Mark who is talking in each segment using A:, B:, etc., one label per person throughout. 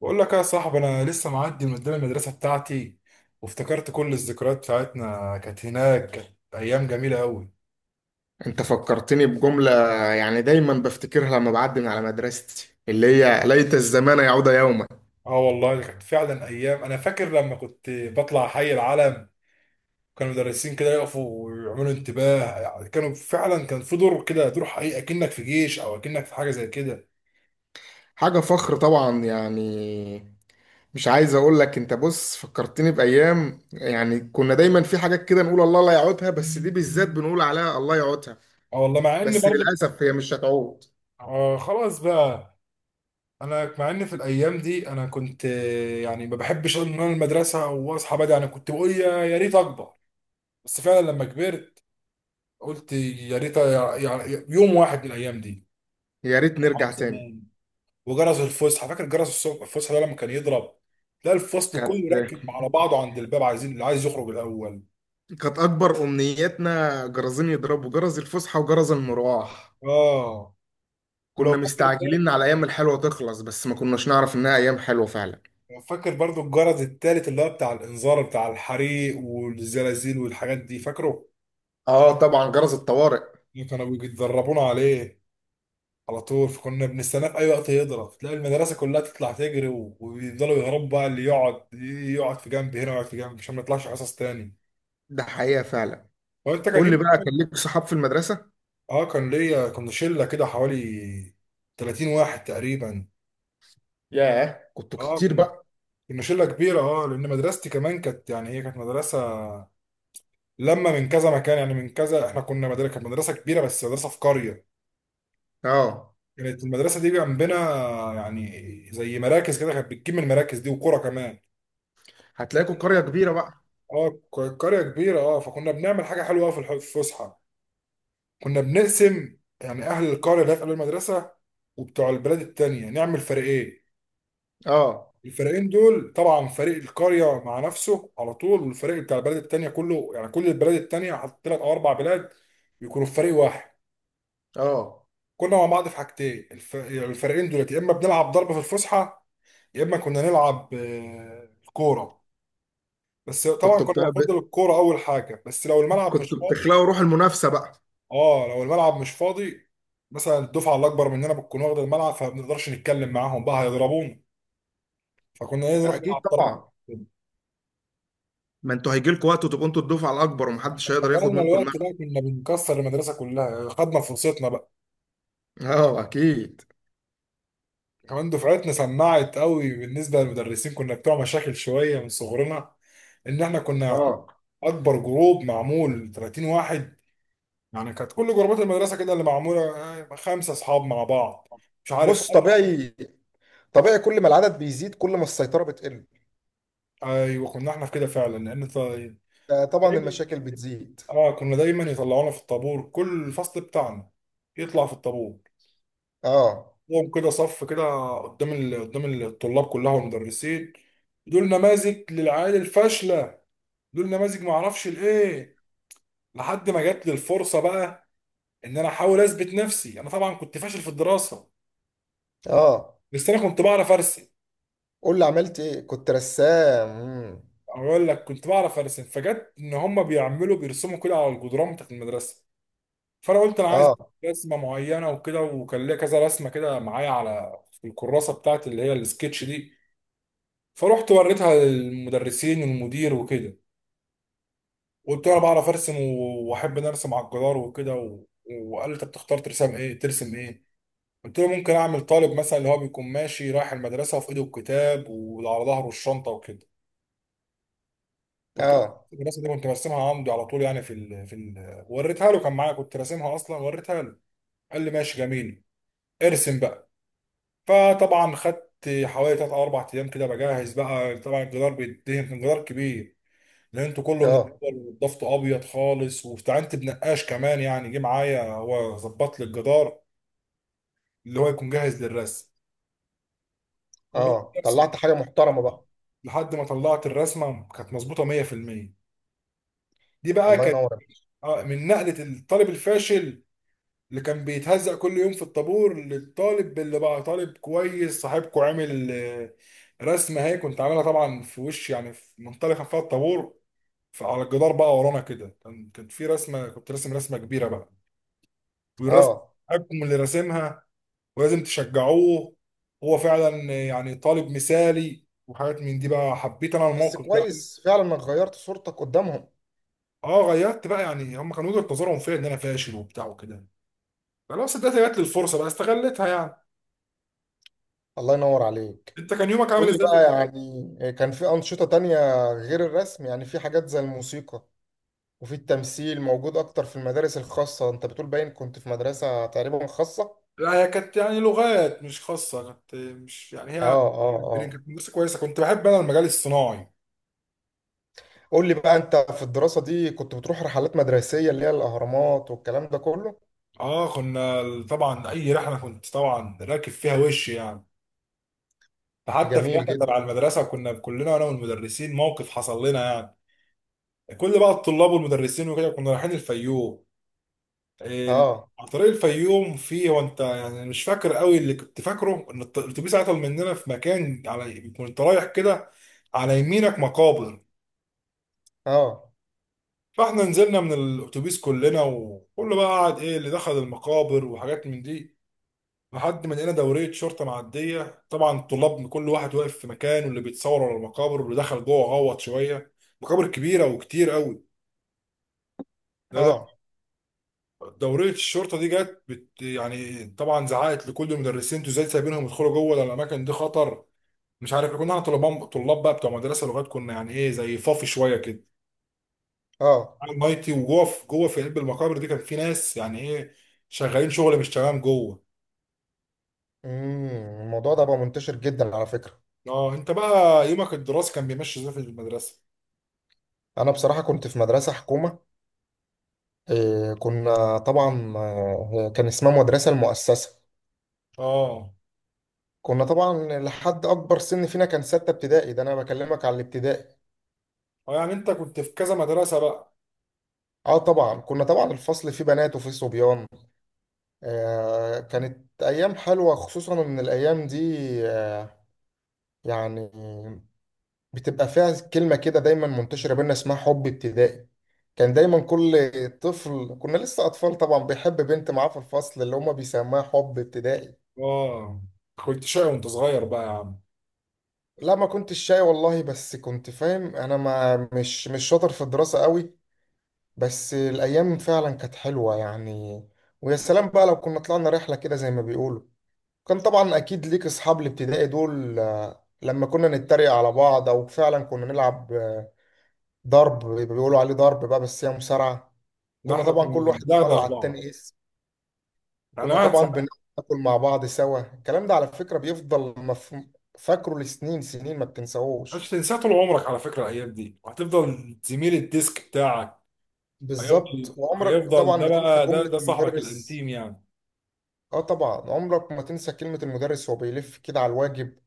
A: بقول لك يا صاحبي انا لسه معدي من قدام المدرسه بتاعتي، وافتكرت كل الذكريات بتاعتنا كانت هناك. كانت ايام جميله قوي.
B: انت فكرتني بجملة، يعني دايما بفتكرها لما بعدي من على مدرستي، اللي هي ليت الزمان يعود يوما.
A: اه والله دي كانت فعلا ايام. انا فاكر لما كنت بطلع حي العلم كان المدرسين كده يقفوا ويعملوا انتباه، يعني كانوا فعلا كان في دور كده، دور حقيقي، اكنك في جيش او اكنك في حاجه زي كده.
B: حاجة فخر طبعا يعني. مش عايز اقول لك، انت بص فكرتني بأيام، يعني كنا دايما في حاجات كده نقول الله لا يعودها، بس دي بالذات بنقول عليها الله يعودها.
A: اه والله مع ان
B: بس
A: برضه
B: للأسف هي مش هتعود.
A: آه خلاص بقى. انا مع ان في الايام دي انا كنت يعني ما بحبش ان انا المدرسه واصحى بدري. انا كنت بقول يا ريت اكبر. بس فعلا لما كبرت قلت يا ريت، يعني يوم واحد من الايام دي.
B: يا ريت
A: صحاب
B: نرجع تاني.
A: زمان. وجرس الفسحه، فاكر جرس الصبح الفسحه ده لما كان يضرب تلاقي الفصل
B: كانت
A: كله راكب على بعضه عند الباب عايزين اللي عايز يخرج الاول.
B: كانت أكبر أمنياتنا جرزين يضربوا جرس الفسحة وجرس المروح.
A: اه. ولو
B: كنا
A: فاكر
B: مستعجلين
A: برضه،
B: على ايام الحلوه تخلص، بس ما كناش نعرف انها ايام حلوه فعلا.
A: لو فاكر برضه الجرس التالت اللي هو بتاع الانذار، بتاع الحريق والزلازل والحاجات دي، فاكره؟
B: اه طبعا، جرس الطوارئ.
A: اللي كانوا بيدربونا عليه على طول، فكنا بنستناه في اي وقت يضرب تلاقي المدرسه كلها تطلع تجري ويفضلوا يهربوا بقى. اللي يقعد يقعد في جنب هنا ويقعد في جنب عشان ما يطلعش حصص تاني.
B: ده حقيقه فعلا.
A: هو انت كان
B: قول لي
A: يوم.
B: بقى، كان ليك صحاب في المدرسه؟
A: اه كان ليا، كنا شله كده حوالي 30 واحد تقريبا.
B: ياه كنتوا
A: اه
B: كتير
A: كن-
B: بقى.
A: كنا شله كبيره. اه لان مدرستي كمان كانت، يعني هي كانت مدرسه لما من كذا مكان، يعني من كذا، احنا كنا مدرسه، كانت مدرسه كبيره بس مدرسه في قريه.
B: اه،
A: كانت المدرسه دي جنبنا، يعني زي مراكز كده، كانت بتجيب من المراكز دي وكوره كمان.
B: هتلاقيكوا قريه
A: كنا-
B: كبيره بقى.
A: اه. قريه كبيره، اه. فكنا بنعمل حاجه حلوه أوي في في الفسحه. كنا بنقسم، يعني اهل القريه اللي هي في قلب المدرسه وبتوع البلاد التانية، نعمل فريقين.
B: اه.
A: الفريقين دول طبعا فريق القريه مع نفسه على طول، والفريق بتاع البلد التانيه كله، يعني كل البلاد التانيه، حط ثلاث او اربع بلاد يكونوا في فريق واحد.
B: اه.
A: كنا مع بعض في حاجتين. الفريقين دولت يا اما بنلعب ضربه في الفسحه، يا اما كنا نلعب كوره. بس طبعا
B: كنتوا
A: كنا
B: بت...
A: بنفضل الكوره اول حاجه، بس لو الملعب مش
B: كنتوا
A: فاضي.
B: بتخلقوا روح المنافسه بقى.
A: اه لو الملعب مش فاضي، مثلا الدفعه الاكبر مننا بتكون واخده الملعب، فما بنقدرش نتكلم معاهم بقى، هيضربونا. فكنا إيه، نروح
B: اكيد
A: نلعب ضربه.
B: طبعا. ما انتوا هيجي لكم وقت وتبقوا انتوا الدفعه الاكبر
A: احنا
B: ومحدش
A: لما
B: هيقدر ياخد
A: كنا
B: منكم
A: الوقت
B: المعنى.
A: ده كنا بنكسر المدرسه كلها، خدنا فرصتنا بقى.
B: اه اكيد.
A: كمان دفعتنا سمعت قوي بالنسبه للمدرسين، كنا بتوع مشاكل شويه من صغرنا. ان احنا كنا
B: اه.
A: اكبر جروب معمول 30 واحد. يعني كانت كل جروبات المدرسه كده اللي معموله خمسه اصحاب مع بعض. مش عارف
B: بص
A: أب-
B: طبيعي، طبيعي كل ما العدد بيزيد كل ما السيطرة بتقل.
A: ايوه كنا احنا في كده فعلا، لان طيب.
B: طبعا
A: دايما،
B: المشاكل بتزيد.
A: اه كنا دايما يطلعونا في الطابور، كل الفصل بتاعنا يطلع في الطابور.
B: اه.
A: قوم كده صف كده قدام قدام الطلاب كلها والمدرسين. دول نماذج للعيال الفاشله، دول نماذج ما اعرفش الايه. لحد ما جات لي الفرصه بقى، ان انا احاول اثبت نفسي. انا طبعا كنت فاشل في الدراسه،
B: اه.
A: بس انا كنت بعرف ارسم.
B: قول لي عملت ايه، كنت رسام؟
A: اقول لك، كنت بعرف ارسم، فجت ان هم بيعملوا بيرسموا كده على الجدران بتاعت المدرسه. فانا قلت انا عايز
B: اه.
A: رسمه معينه وكده، وكان ليا كذا رسمه كده معايا على الكراسه بتاعت اللي هي السكتش دي. فروحت وريتها للمدرسين والمدير وكده. قلت له انا بعرف ارسم واحب ان ارسم على الجدار وكده و... وقال لي طب تختار ترسم ايه، ترسم ايه؟ قلت له ممكن اعمل طالب مثلا اللي هو بيكون ماشي رايح المدرسه وفي ايده الكتاب وعلى ظهره الشنطه وكده. قلت له
B: اه.
A: الرسمه دي كنت برسمها عمودي على طول، يعني في في وريتها له، كان معايا كنت راسمها اصلا وريتها له. قال لي ماشي جميل، ارسم بقى. فطبعا خدت حوالي 3 او 4 ايام كده بجهز بقى. طبعا الجدار بيتدهن، كان جدار كبير. لان انتوا كله من
B: اه.
A: الأول، وضفته ابيض خالص، واستعنت بنقاش كمان، يعني جه معايا هو ظبط لي الجدار اللي هو يكون جاهز للرسم. وبدات
B: اه
A: ارسم
B: طلعت حاجه محترمه بقى.
A: لحد ما طلعت الرسمه، كانت مظبوطه 100%. دي بقى
B: الله
A: كانت
B: ينور عليك.
A: من نقله الطالب الفاشل اللي كان بيتهزق كل يوم في الطابور، للطالب اللي بقى طالب كويس، صاحبكو عامل رسمه. هي كنت عاملها طبعا في وش، يعني في منطلقه فيها الطابور. فعلى الجدار بقى ورانا كده كان، كانت في رسمه، كنت راسم رسمه كبيره بقى. والرسم
B: اه.
A: حقكم اللي راسمها، ولازم تشجعوه، هو فعلا يعني طالب مثالي وحاجات من دي بقى. حبيت انا
B: بس
A: الموقف ده أوي.
B: كويس فعلا انك غيرت صورتك قدامهم.
A: اه غيرت بقى، يعني هم كانوا وجهة نظرهم فيا ان انا فاشل وبتاع وكده، خلاص اديت، جات لي الفرصه بقى استغلتها يعني.
B: الله ينور عليك.
A: انت كان يومك
B: قول
A: عامل
B: لي
A: ازاي في
B: بقى،
A: المدرسه؟
B: يعني كان في انشطه تانية غير الرسم؟ يعني في حاجات زي الموسيقى، وفي التمثيل موجود اكتر في المدارس الخاصه. انت بتقول باين كنت في مدرسه تقريبا خاصه.
A: لا هي كانت يعني لغات مش خاصه، كانت مش يعني
B: اه.
A: هي
B: اه.
A: البنين،
B: اه.
A: كانت مدرسه كويسه. كنت بحب انا المجال الصناعي.
B: قول لي بقى، انت في الدراسة دي كنت بتروح رحلات مدرسية، اللي هي الأهرامات والكلام ده كله؟
A: اه كنا، طبعا اي رحله كنت طبعا راكب فيها وش يعني. حتى في
B: جميل
A: رحله تبع
B: جدا.
A: المدرسه كنا كلنا انا والمدرسين موقف حصل لنا، يعني كل بقى الطلاب والمدرسين وكده كنا رايحين الفيوم. ال-
B: اه.
A: على طريق الفيوم فيه، هو انت يعني مش فاكر قوي، اللي كنت فاكره ان الاتوبيس عطل مننا في مكان، على كنت رايح كده على يمينك مقابر.
B: اه.
A: فاحنا نزلنا من الاتوبيس كلنا، وكله بقى قعد ايه اللي دخل المقابر وحاجات من دي. لحد ما لقينا دورية شرطة معدية، طبعا الطلاب كل واحد واقف في مكان، واللي بيتصور على المقابر، واللي دخل جوه غوط شوية مقابر كبيرة وكتير قوي. ده
B: اه.
A: دورية الشرطة دي جت، بت يعني طبعا زعقت لكل المدرسين انتوا ازاي سايبينهم يدخلوا جوه، ده الأماكن دي خطر، مش عارف إيه. كنا احنا طلاب طلاب بقى بتوع مدرسة لغات، كنا يعني ايه زي فافي شوية كده،
B: اه.
A: عامل نايتي وجوه. في جوه في قلب المقابر دي كان في ناس يعني ايه شغالين شغل مش تمام جوه.
B: الموضوع ده بقى منتشر جدا على فكرة.
A: اه انت بقى، يومك الدراسي كان بيمشي ازاي في المدرسة؟
B: انا بصراحة كنت في مدرسة حكومة، إيه كنا طبعا، كان اسمها مدرسة المؤسسة.
A: اه
B: كنا طبعا لحد اكبر سن فينا كان ستة ابتدائي، ده انا بكلمك على الابتدائي.
A: اه يعني انت كنت في كذا مدرسة بقى.
B: اه طبعا، كنا طبعا الفصل فيه بنات وفيه صبيان. آه كانت ايام حلوة، خصوصا ان الايام دي، آه، يعني بتبقى فيها كلمة كده دايما منتشرة بينا اسمها حب ابتدائي. كان دايما كل طفل، كنا لسه أطفال طبعا، بيحب بنت معاه في الفصل، اللي هما بيسموها حب ابتدائي.
A: اه كنت شقي وانت صغير بقى يا عم؟
B: لا ما كنتش شاي والله، بس كنت فاهم أنا ما مش مش شاطر في الدراسة قوي. بس الأيام فعلا كانت حلوة يعني. ويا سلام بقى لو كنا طلعنا رحلة كده زي ما بيقولوا. كان طبعا أكيد ليك أصحاب الابتدائي دول، لما كنا نتريق على بعض، أو فعلا كنا نلعب ضرب، بيبقى بيقولوا عليه ضرب بقى بس هي مصارعة.
A: ده
B: كنا
A: احنا
B: طبعا
A: كنا
B: كل واحد بيطلع
A: بندغدغ
B: على
A: بعض،
B: التاني اسم.
A: يعني
B: كنا
A: واحد
B: طبعا بناكل مع بعض سوا. الكلام ده على فكرة فاكره لسنين سنين، ما بتنساهوش.
A: مش تنساه طول عمرك على فكرة الايام دي، وهتفضل زميل الديسك بتاعك. هيفضل
B: بالظبط. وعمرك
A: هيفضل
B: طبعا
A: ده
B: ما تنسى
A: بقى، ده
B: جملة
A: ده صاحبك
B: المدرس.
A: الانتيم يعني.
B: اه طبعا عمرك ما تنسى كلمة المدرس وهو بيلف كده على الواجب،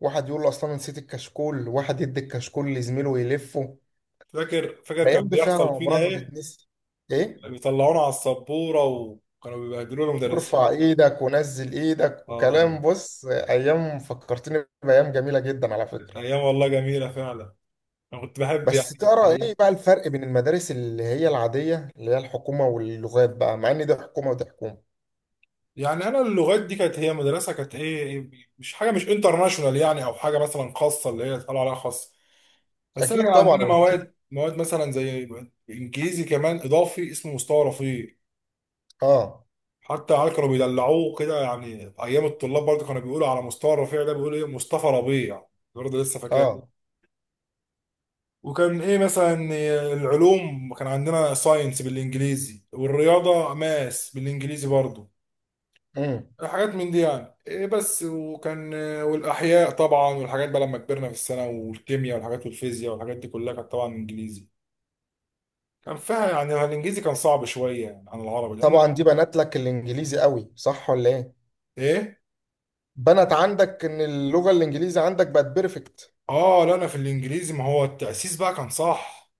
B: واحد يقول له اصلا نسيت الكشكول، واحد يدي الكشكول لزميله ويلفه.
A: فاكر
B: الايام
A: كان
B: دي فعلا
A: بيحصل فينا
B: عمرها ما
A: ايه،
B: تتنسي. ايه،
A: بيطلعونا على السبورة وكانوا بيبهدلونا
B: وارفع
A: المدرسين.
B: ايدك ونزل ايدك
A: اه
B: وكلام، بص ايام فكرتني بايام جميله جدا على فكره.
A: كانت ايام والله جميلة فعلا. انا كنت بحب يعني
B: بس
A: كانت
B: ترى
A: ايه.
B: ايه بقى الفرق بين المدارس اللي هي العاديه، اللي هي الحكومه، واللغات بقى، مع ان دي حكومه ودي حكومه؟
A: يعني انا اللغات دي كانت هي مدرسه كانت ايه، مش حاجه، مش انترناشونال يعني، او حاجه مثلا خاصه اللي هي طالعه عليها خاصه. بس انا
B: اكيد
A: كان
B: طبعا،
A: عندنا
B: أنا فاهم.
A: مواد مواد مثلا زي انجليزي كمان اضافي اسمه مستوى رفيع.
B: اه.
A: حتى عيال كانوا بيدلعوه كده، يعني ايام الطلاب برضه كانوا بيقولوا على مستوى رفيع ده بيقولوا ايه، مصطفى ربيع، برضه لسه فاكر.
B: اه.
A: وكان ايه مثلا، العلوم كان عندنا ساينس بالانجليزي، والرياضه ماس بالانجليزي برضه،
B: امم
A: حاجات من دي يعني إيه بس. وكان، والاحياء طبعا والحاجات بقى لما كبرنا في السنه، والكيمياء والحاجات والفيزياء والحاجات دي كلها كانت طبعا انجليزي. كان فيها يعني الانجليزي كان صعب شويه يعني عن العربي، لان
B: طبعا، دي بنت لك الانجليزي قوي صح ولا ايه؟
A: ايه.
B: بنت عندك ان اللغه الانجليزي عندك بقت بيرفكت.
A: اه لا انا في الانجليزي، ما هو التاسيس بقى كان صح.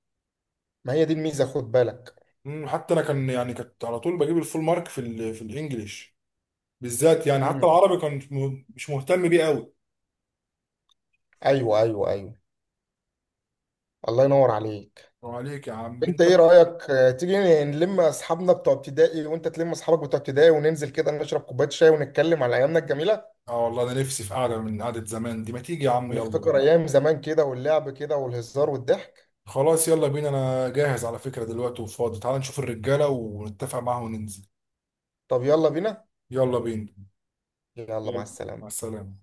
B: ما هي دي الميزه، خد بالك.
A: حتى انا كان يعني كنت على طول بجيب الفول مارك في في الانجليش بالذات يعني. حتى
B: امم
A: العربي كان مش مهتم بيه قوي.
B: ايوه ايوه ايوه. الله ينور عليك.
A: عليك يا عم
B: انت
A: انت
B: ايه
A: بقى.
B: رأيك، تيجي نلم اصحابنا بتوع ابتدائي، وانت تلم اصحابك بتوع ابتدائي، وننزل كده نشرب كوباية شاي ونتكلم على ايامنا الجميلة،
A: اه والله انا نفسي في قعده من قعده زمان دي، ما تيجي يا عم يلا
B: ونفتكر
A: بينا.
B: ايام زمان كده واللعب كده والهزار والضحك؟
A: خلاص يلا بينا انا جاهز على فكرة دلوقتي وفاضي، تعال نشوف الرجالة ونتفق معاهم وننزل.
B: طب يلا بينا.
A: يلا بينا.
B: يلا مع
A: يلا مع
B: السلامة.
A: السلامة.